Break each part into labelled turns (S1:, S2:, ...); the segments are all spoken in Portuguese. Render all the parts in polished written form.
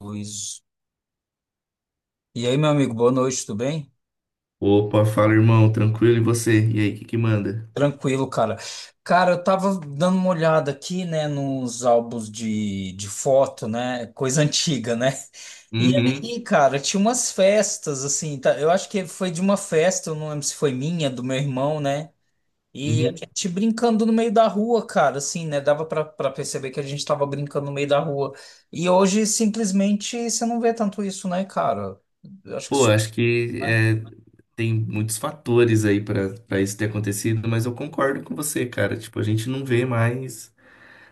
S1: Luiz. E aí, meu amigo, boa noite, tudo bem?
S2: Opa, fala irmão, tranquilo e você? E aí, o que que manda?
S1: Tranquilo, cara. Cara, eu tava dando uma olhada aqui, né, nos álbuns de foto, né? Coisa antiga, né? E
S2: Uhum,
S1: aí, cara, tinha umas festas, assim, tá? Eu acho que foi de uma festa, eu não lembro se foi minha, do meu irmão, né? E a
S2: uhum.
S1: gente brincando no meio da rua, cara, assim, né? Dava pra perceber que a gente tava brincando no meio da rua. E hoje, simplesmente, você não vê tanto isso, né, cara? Eu acho que
S2: Pô,
S1: isso.
S2: acho que
S1: Né?
S2: é, tem muitos fatores aí pra para isso ter acontecido, mas eu concordo com você, cara. Tipo, a gente não vê mais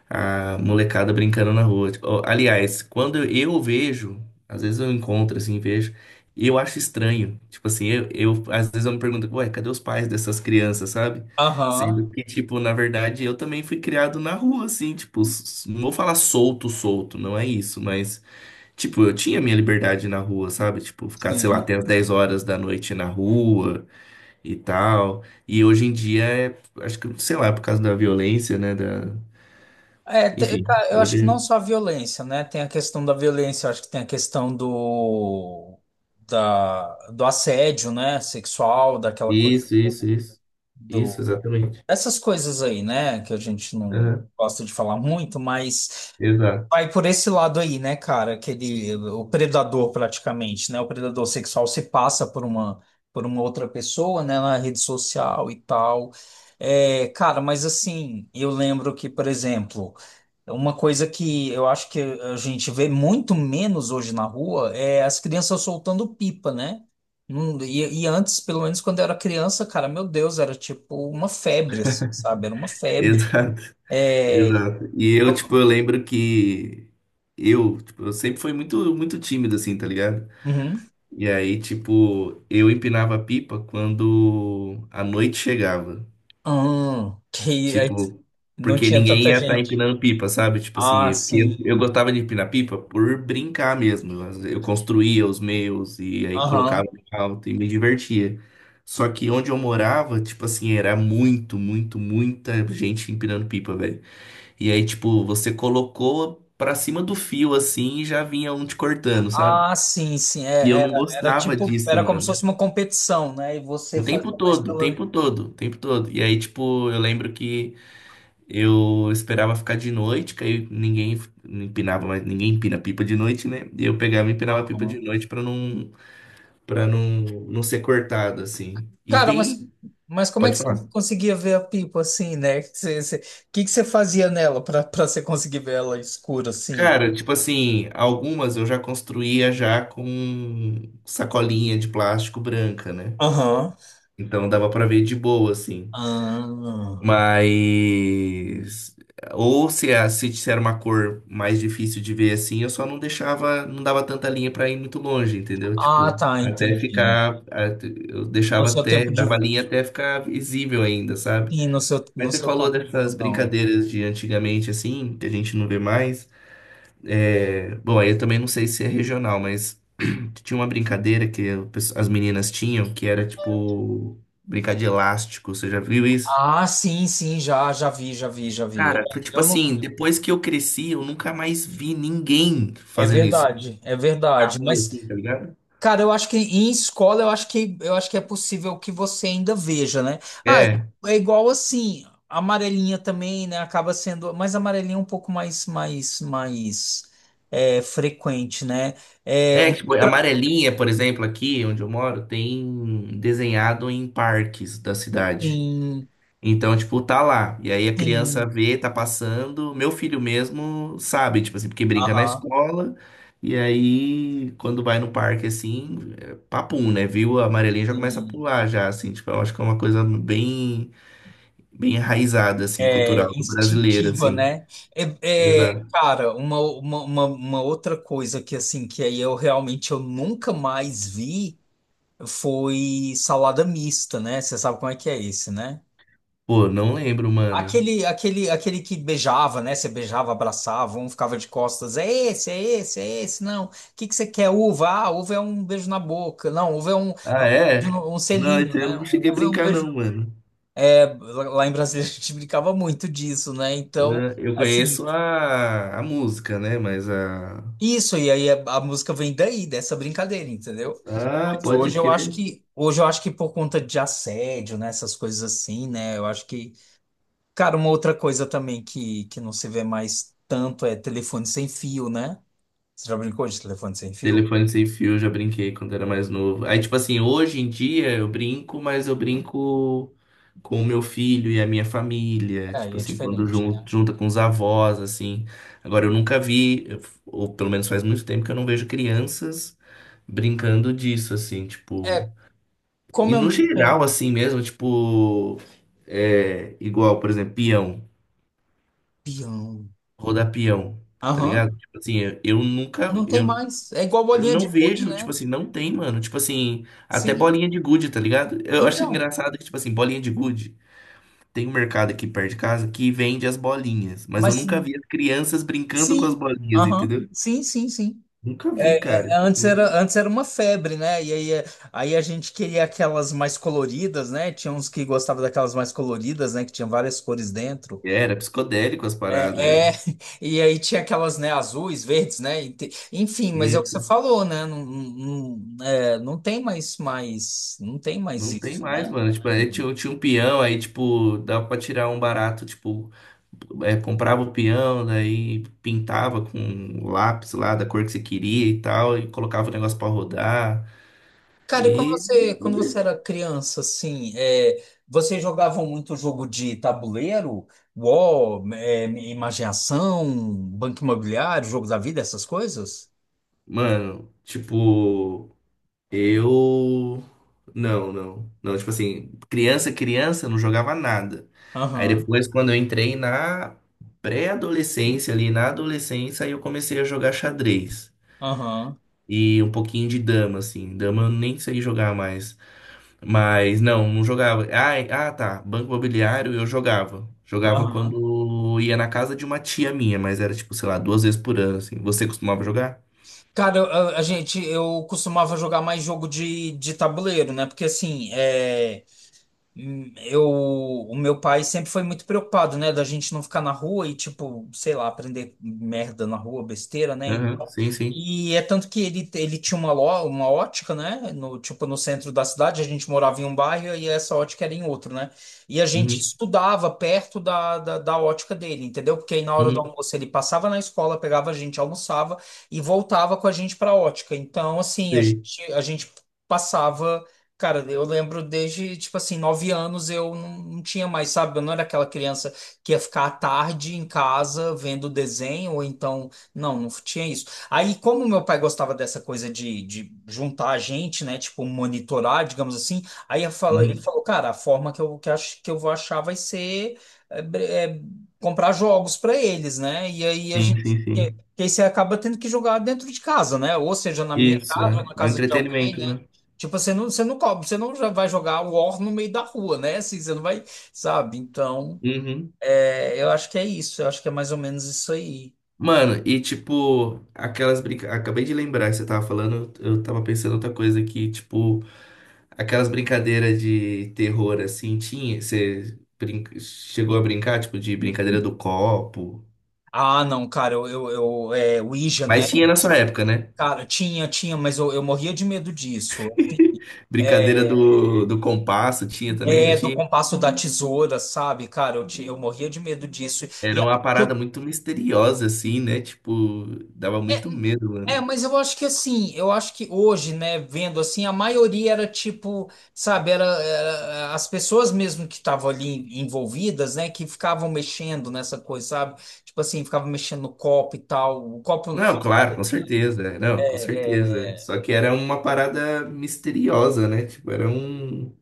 S2: a molecada brincando na rua. Tipo, ó, aliás, quando eu vejo, às vezes eu encontro assim, vejo, e eu acho estranho. Tipo assim, às vezes eu me pergunto, ué, cadê os pais dessas crianças, sabe?
S1: Aham,
S2: Sendo que, tipo, na verdade, eu também fui criado na rua, assim, tipo, não vou falar solto, solto, não é isso, mas, tipo, eu tinha minha liberdade na rua, sabe? Tipo, ficar, sei lá,
S1: sim.
S2: até as 10 horas da noite na rua e tal. E hoje em dia, é, acho que, sei lá, por causa da violência, né, da,
S1: É,
S2: enfim,
S1: cara, eu acho que não
S2: hoje.
S1: só a violência, né? Tem a questão da violência, eu acho que tem a questão da, do assédio, né? Sexual, daquela coisa
S2: Isso,
S1: do,
S2: isso, isso. Isso,
S1: do-
S2: exatamente.
S1: Essas coisas aí, né? Que a gente não
S2: Aham,
S1: gosta de falar muito, mas
S2: exato.
S1: vai por esse lado aí, né, cara? Aquele, o predador praticamente, né? O predador sexual se passa por uma outra pessoa, né, na rede social e tal. É, cara, mas assim, eu lembro que, por exemplo, uma coisa que eu acho que a gente vê muito menos hoje na rua é as crianças soltando pipa, né? E antes, pelo menos quando eu era criança, cara, meu Deus, era tipo uma febre, assim, sabe? Era uma febre.
S2: Exato.
S1: É,
S2: Exato. E eu, tipo, eu lembro que eu, tipo, eu sempre fui muito tímido, assim, tá ligado?
S1: uhum.
S2: E aí, tipo, eu empinava a pipa quando a noite chegava.
S1: Que aí
S2: Tipo,
S1: não
S2: porque
S1: tinha
S2: ninguém
S1: tanta
S2: ia estar
S1: gente.
S2: empinando pipa, sabe? Tipo
S1: Ah,
S2: assim, porque eu
S1: sim.
S2: gostava de empinar pipa por brincar mesmo. Eu construía os meus e aí colocava
S1: Aham.
S2: em alto e me divertia. Só que onde eu morava, tipo assim, era muito, muito, muita gente empinando pipa, velho. E aí, tipo, você colocou pra cima do fio assim e já vinha um te cortando, sabe?
S1: Ah, sim, sim.
S2: E eu
S1: É,
S2: não
S1: era, era
S2: gostava
S1: tipo,
S2: disso,
S1: era como se
S2: mano.
S1: fosse uma competição, né? E você
S2: O tempo
S1: fazia mais
S2: todo, o
S1: pela.
S2: tempo todo, o tempo todo. E aí, tipo, eu lembro que eu esperava ficar de noite, que aí ninguém empinava, mais ninguém empina pipa de noite, né? E eu pegava e empinava a pipa de
S1: Aham.
S2: noite pra não para não não ser cortado assim. E
S1: Cara,
S2: tem,
S1: mas como é
S2: pode
S1: que você
S2: falar.
S1: conseguia ver a pipa assim, né? Você, você, que você fazia nela para você conseguir ver ela escura assim?
S2: Cara, tipo assim, algumas eu já construía já com sacolinha de plástico branca, né?
S1: Aham.
S2: Então dava pra ver de boa assim.
S1: Ah,
S2: Mas. Ou se, se era uma cor mais difícil de ver assim, eu só não deixava, não dava tanta linha pra ir muito longe, entendeu?
S1: ah,
S2: Tipo,
S1: tá, entendi.
S2: eu
S1: No
S2: deixava
S1: seu
S2: até,
S1: tempo
S2: dava linha
S1: de,
S2: até ficar visível ainda, sabe?
S1: sim, no seu, no
S2: Mas você
S1: seu
S2: falou
S1: campo de
S2: dessas
S1: visão, né?
S2: brincadeiras de antigamente, assim, que a gente não vê mais. É, bom, aí eu também não sei se é regional, mas tinha uma brincadeira que as meninas tinham que era tipo brincar de elástico, você já viu isso?
S1: Ah, sim, sim, já, já vi, já vi, já vi. É,
S2: Cara, foi tipo
S1: eu não...
S2: assim, depois que eu cresci, eu nunca mais vi ninguém
S1: É
S2: fazendo isso.
S1: verdade, é
S2: Na
S1: verdade.
S2: rua,
S1: Mas,
S2: assim, tá ligado?
S1: cara, eu acho que em escola eu acho que é possível que você ainda veja, né? Ah,
S2: É.
S1: é igual assim, a amarelinha também, né? Acaba sendo, mas a amarelinha é um pouco mais, mais, mais é, frequente, né? É
S2: É,
S1: um
S2: tipo, a
S1: outra.
S2: amarelinha, por exemplo, aqui onde eu moro, tem desenhado em parques da cidade.
S1: Sim,
S2: Então, tipo, tá lá. E aí a criança
S1: sim.
S2: vê, tá passando. Meu filho mesmo sabe, tipo assim, porque brinca na
S1: Aham,
S2: escola. E aí, quando vai no parque, assim, é papum, né? Viu a amarelinha já começa a
S1: sim.
S2: pular, já, assim. Tipo, eu acho que é uma coisa bem, bem enraizada, assim,
S1: É,
S2: cultural brasileira,
S1: instintiva,
S2: assim.
S1: né? É, é,
S2: Exato.
S1: cara, uma outra coisa que assim, que aí eu realmente eu nunca mais vi foi salada mista, né? Você sabe como é que é esse, né?
S2: Pô, não lembro, mano.
S1: Aquele, aquele, aquele que beijava, né? Você beijava, abraçava, um ficava de costas. É esse, é esse, é esse. Não. O que que você quer? Uva? Ah, uva é um beijo na boca. Não, uva é é
S2: Ah, é?
S1: um
S2: Não,
S1: selinho,
S2: isso eu
S1: né?
S2: não cheguei a
S1: Uva é um
S2: brincar,
S1: beijo.
S2: não, mano.
S1: É, lá em Brasília a gente brincava muito disso, né? Então,
S2: É, eu
S1: assim,
S2: conheço a música, né? Mas a.
S1: isso, e aí a música vem daí, dessa brincadeira, entendeu?
S2: Ah,
S1: Mas
S2: pode
S1: hoje eu acho
S2: crer.
S1: que, hoje eu acho que por conta de assédio, né, essas coisas assim, né, eu acho que, cara, uma outra coisa também que não se vê mais tanto é telefone sem fio, né? Você já brincou de telefone sem fio?
S2: Telefone sem fio, eu já brinquei quando era mais novo. Aí, tipo assim, hoje em dia eu brinco, mas eu brinco com o meu filho e a minha família.
S1: É, aí
S2: Tipo
S1: é
S2: assim, quando
S1: diferente. Né?
S2: junta com os avós, assim. Agora, eu nunca vi, ou pelo menos faz muito tempo que eu não vejo crianças brincando disso, assim, tipo.
S1: É,
S2: E
S1: como eu
S2: no
S1: não
S2: geral,
S1: tenho
S2: assim mesmo, tipo. É, igual, por exemplo, peão,
S1: peão,
S2: rodar peão, tá
S1: aham,
S2: ligado? Tipo assim, eu nunca.
S1: não tem
S2: Eu,
S1: mais. É igual
S2: Eu
S1: bolinha
S2: não
S1: de gude,
S2: vejo, tipo
S1: né?
S2: assim, não tem, mano. Tipo assim, até
S1: Sim,
S2: bolinha de gude, tá ligado? Eu acho
S1: então,
S2: engraçado que, tipo assim, bolinha de gude. Tem um mercado aqui perto de casa que vende as bolinhas, mas eu
S1: mas
S2: nunca vi as crianças brincando com as
S1: sim,
S2: bolinhas,
S1: aham,
S2: entendeu?
S1: sim, sim, sim.
S2: Nunca vi,
S1: É, é,
S2: cara.
S1: é, antes
S2: Tipo,
S1: era, antes era uma febre, né? E aí, é, aí a gente queria aquelas mais coloridas, né? Tinha uns que gostavam daquelas mais coloridas, né? Que tinha várias cores dentro.
S2: era psicodélico as paradas,
S1: É, é,
S2: era.
S1: e aí tinha aquelas, né? Azuis, verdes, né? Enfim, mas é o que você
S2: Isso.
S1: falou, né? Não, não, não é, não tem mais, mais, não tem mais
S2: Não tem
S1: isso, né?
S2: mais, mano. Tipo, aí tinha, tinha um peão, aí, tipo, dava pra tirar um barato, tipo, é, comprava o peão, daí pintava com lápis lá da cor que você queria e tal, e colocava o negócio pra rodar.
S1: Cara, e
S2: E,
S1: quando você era criança, assim, é, vocês jogavam muito jogo de tabuleiro? UOL, é, Imaginação, Banco Imobiliário, Jogo da Vida, essas coisas?
S2: mano, tipo, eu. Não, não. Não, tipo assim, criança, não jogava nada. Aí
S1: Aham,
S2: depois, quando eu entrei na pré-adolescência, ali na adolescência, aí eu comecei a jogar xadrez.
S1: aham,
S2: E um pouquinho de dama, assim. Dama eu nem sei jogar mais. Mas não, não jogava. Ai, ah, tá. Banco Imobiliário eu jogava. Jogava
S1: aham.
S2: quando ia na casa de uma tia minha, mas era tipo, sei lá, 2 vezes por ano, assim. Você costumava jogar?
S1: Cara, a gente, eu costumava jogar mais jogo de tabuleiro, né? Porque, assim, é hum, eu, o meu pai sempre foi muito preocupado, né, da gente não ficar na rua e, tipo, sei lá, aprender merda na rua, besteira, né?
S2: Aham,
S1: Então,
S2: sim, sim.
S1: e é tanto que ele tinha uma, uma ótica, né? No, tipo, no centro da cidade, a gente morava em um bairro e essa ótica era em outro, né? E a gente
S2: Uhum,
S1: estudava perto da, da, da ótica dele, entendeu? Porque aí na hora do
S2: uhum,
S1: almoço ele passava na escola, pegava a gente, almoçava e voltava com a gente para a ótica. Então, assim,
S2: sei.
S1: a gente passava. Cara, eu lembro desde, tipo assim, 9 anos eu não, não tinha mais, sabe? Eu não era aquela criança que ia ficar à tarde em casa vendo desenho, ou então. Não, não tinha isso. Aí, como meu pai gostava dessa coisa de juntar a gente, né? Tipo, monitorar, digamos assim. Aí eu ele
S2: Uhum.
S1: falou, cara, a forma que eu, que acho, que eu vou achar vai ser é, comprar jogos para eles, né? E aí a
S2: Sim,
S1: gente.
S2: sim,
S1: que-
S2: sim.
S1: Aí você acaba tendo que jogar dentro de casa, né? Ou seja, na minha
S2: Isso,
S1: casa,
S2: é.
S1: ou na
S2: É o
S1: casa de alguém,
S2: entretenimento,
S1: né?
S2: né?
S1: Tipo, você não cobra, você não já vai jogar War no meio da rua, né? Assim, você não vai, sabe? Então,
S2: Uhum.
S1: é, eu acho que é isso, eu acho que é mais ou menos isso aí.
S2: Mano, e tipo, aquelas brincadeiras. Acabei de lembrar que você tava falando, eu tava pensando outra coisa aqui, tipo, aquelas brincadeiras de terror assim, tinha. Chegou a brincar, tipo, de brincadeira do copo.
S1: Ah, não, cara, eu é, Ouija, né?
S2: Mas tinha na sua época, né?
S1: Cara, tinha, tinha, mas eu morria de medo disso.
S2: Brincadeira do, do compasso, tinha também, não
S1: É, do
S2: tinha?
S1: compasso da tesoura, sabe? Cara, eu, eu morria de medo disso. E
S2: Era
S1: a-
S2: uma parada muito misteriosa, assim, né? Tipo, dava muito medo,
S1: É,
S2: mano.
S1: mas eu acho que assim, eu acho que hoje, né, vendo assim, a maioria era tipo, sabe, era, era as pessoas mesmo que estavam ali envolvidas, né, que ficavam mexendo nessa coisa, sabe? Tipo assim, ficavam mexendo no copo e tal, o copo,
S2: Não,
S1: sabe
S2: claro, com
S1: assim,
S2: certeza. É, não, com
S1: é,
S2: certeza.
S1: é,
S2: Só que era uma parada misteriosa, né? Tipo,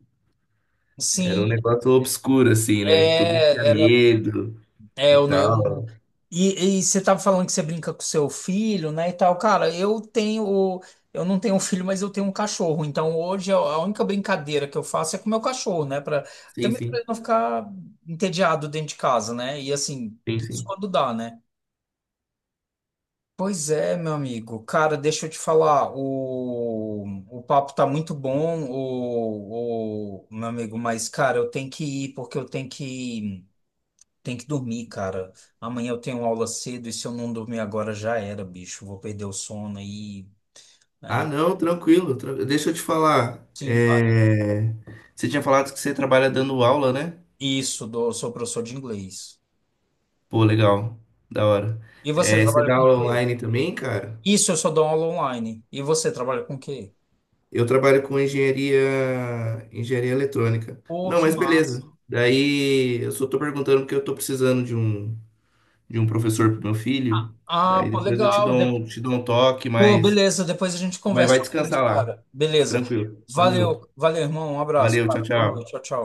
S2: era
S1: sim,
S2: um negócio obscuro, assim, né? Que todo mundo tinha
S1: é,
S2: medo
S1: é,
S2: e
S1: eu, eu,
S2: tal.
S1: e você tava falando que você brinca com seu filho, né, e tal. Cara, eu tenho, eu não tenho um filho, mas eu tenho um cachorro. Então hoje a única brincadeira que eu faço é com o meu cachorro, né, para
S2: Sim,
S1: também para
S2: sim,
S1: ele não ficar entediado dentro de casa, né? E assim,
S2: sim,
S1: isso
S2: sim.
S1: quando dá, né? Pois é, meu amigo. Cara, deixa eu te falar, o papo tá muito bom, o meu amigo, mas cara, eu tenho que ir porque eu tenho que tem que dormir, cara. Amanhã eu tenho aula cedo e se eu não dormir agora já era, bicho. Vou perder o sono aí. Aí,
S2: Ah, não, tranquilo. Deixa eu te falar.
S1: sim, fala.
S2: É... Você tinha falado que você trabalha dando aula, né?
S1: Isso, dou, sou professor de inglês.
S2: Pô, legal. Da hora.
S1: E você
S2: É, você
S1: trabalha
S2: dá
S1: com o
S2: aula
S1: quê?
S2: online também, cara?
S1: Isso, eu só dou aula online. E você trabalha com o quê?
S2: Eu trabalho com engenharia, engenharia eletrônica.
S1: Pô,
S2: Não,
S1: que
S2: mas
S1: massa.
S2: beleza. Daí eu só tô perguntando porque eu tô precisando de um professor pro meu filho.
S1: Ah,
S2: Daí
S1: pô,
S2: depois eu
S1: legal. De-
S2: te dou um toque,
S1: Pô, beleza. Depois a gente
S2: mas
S1: conversa
S2: vai
S1: sobre isso,
S2: descansar lá.
S1: cara. Beleza.
S2: Tranquilo. Tamo
S1: Valeu,
S2: junto.
S1: valeu, irmão. Um abraço,
S2: Valeu, tchau,
S1: cara. Boa noite.
S2: tchau.
S1: Tchau, tchau.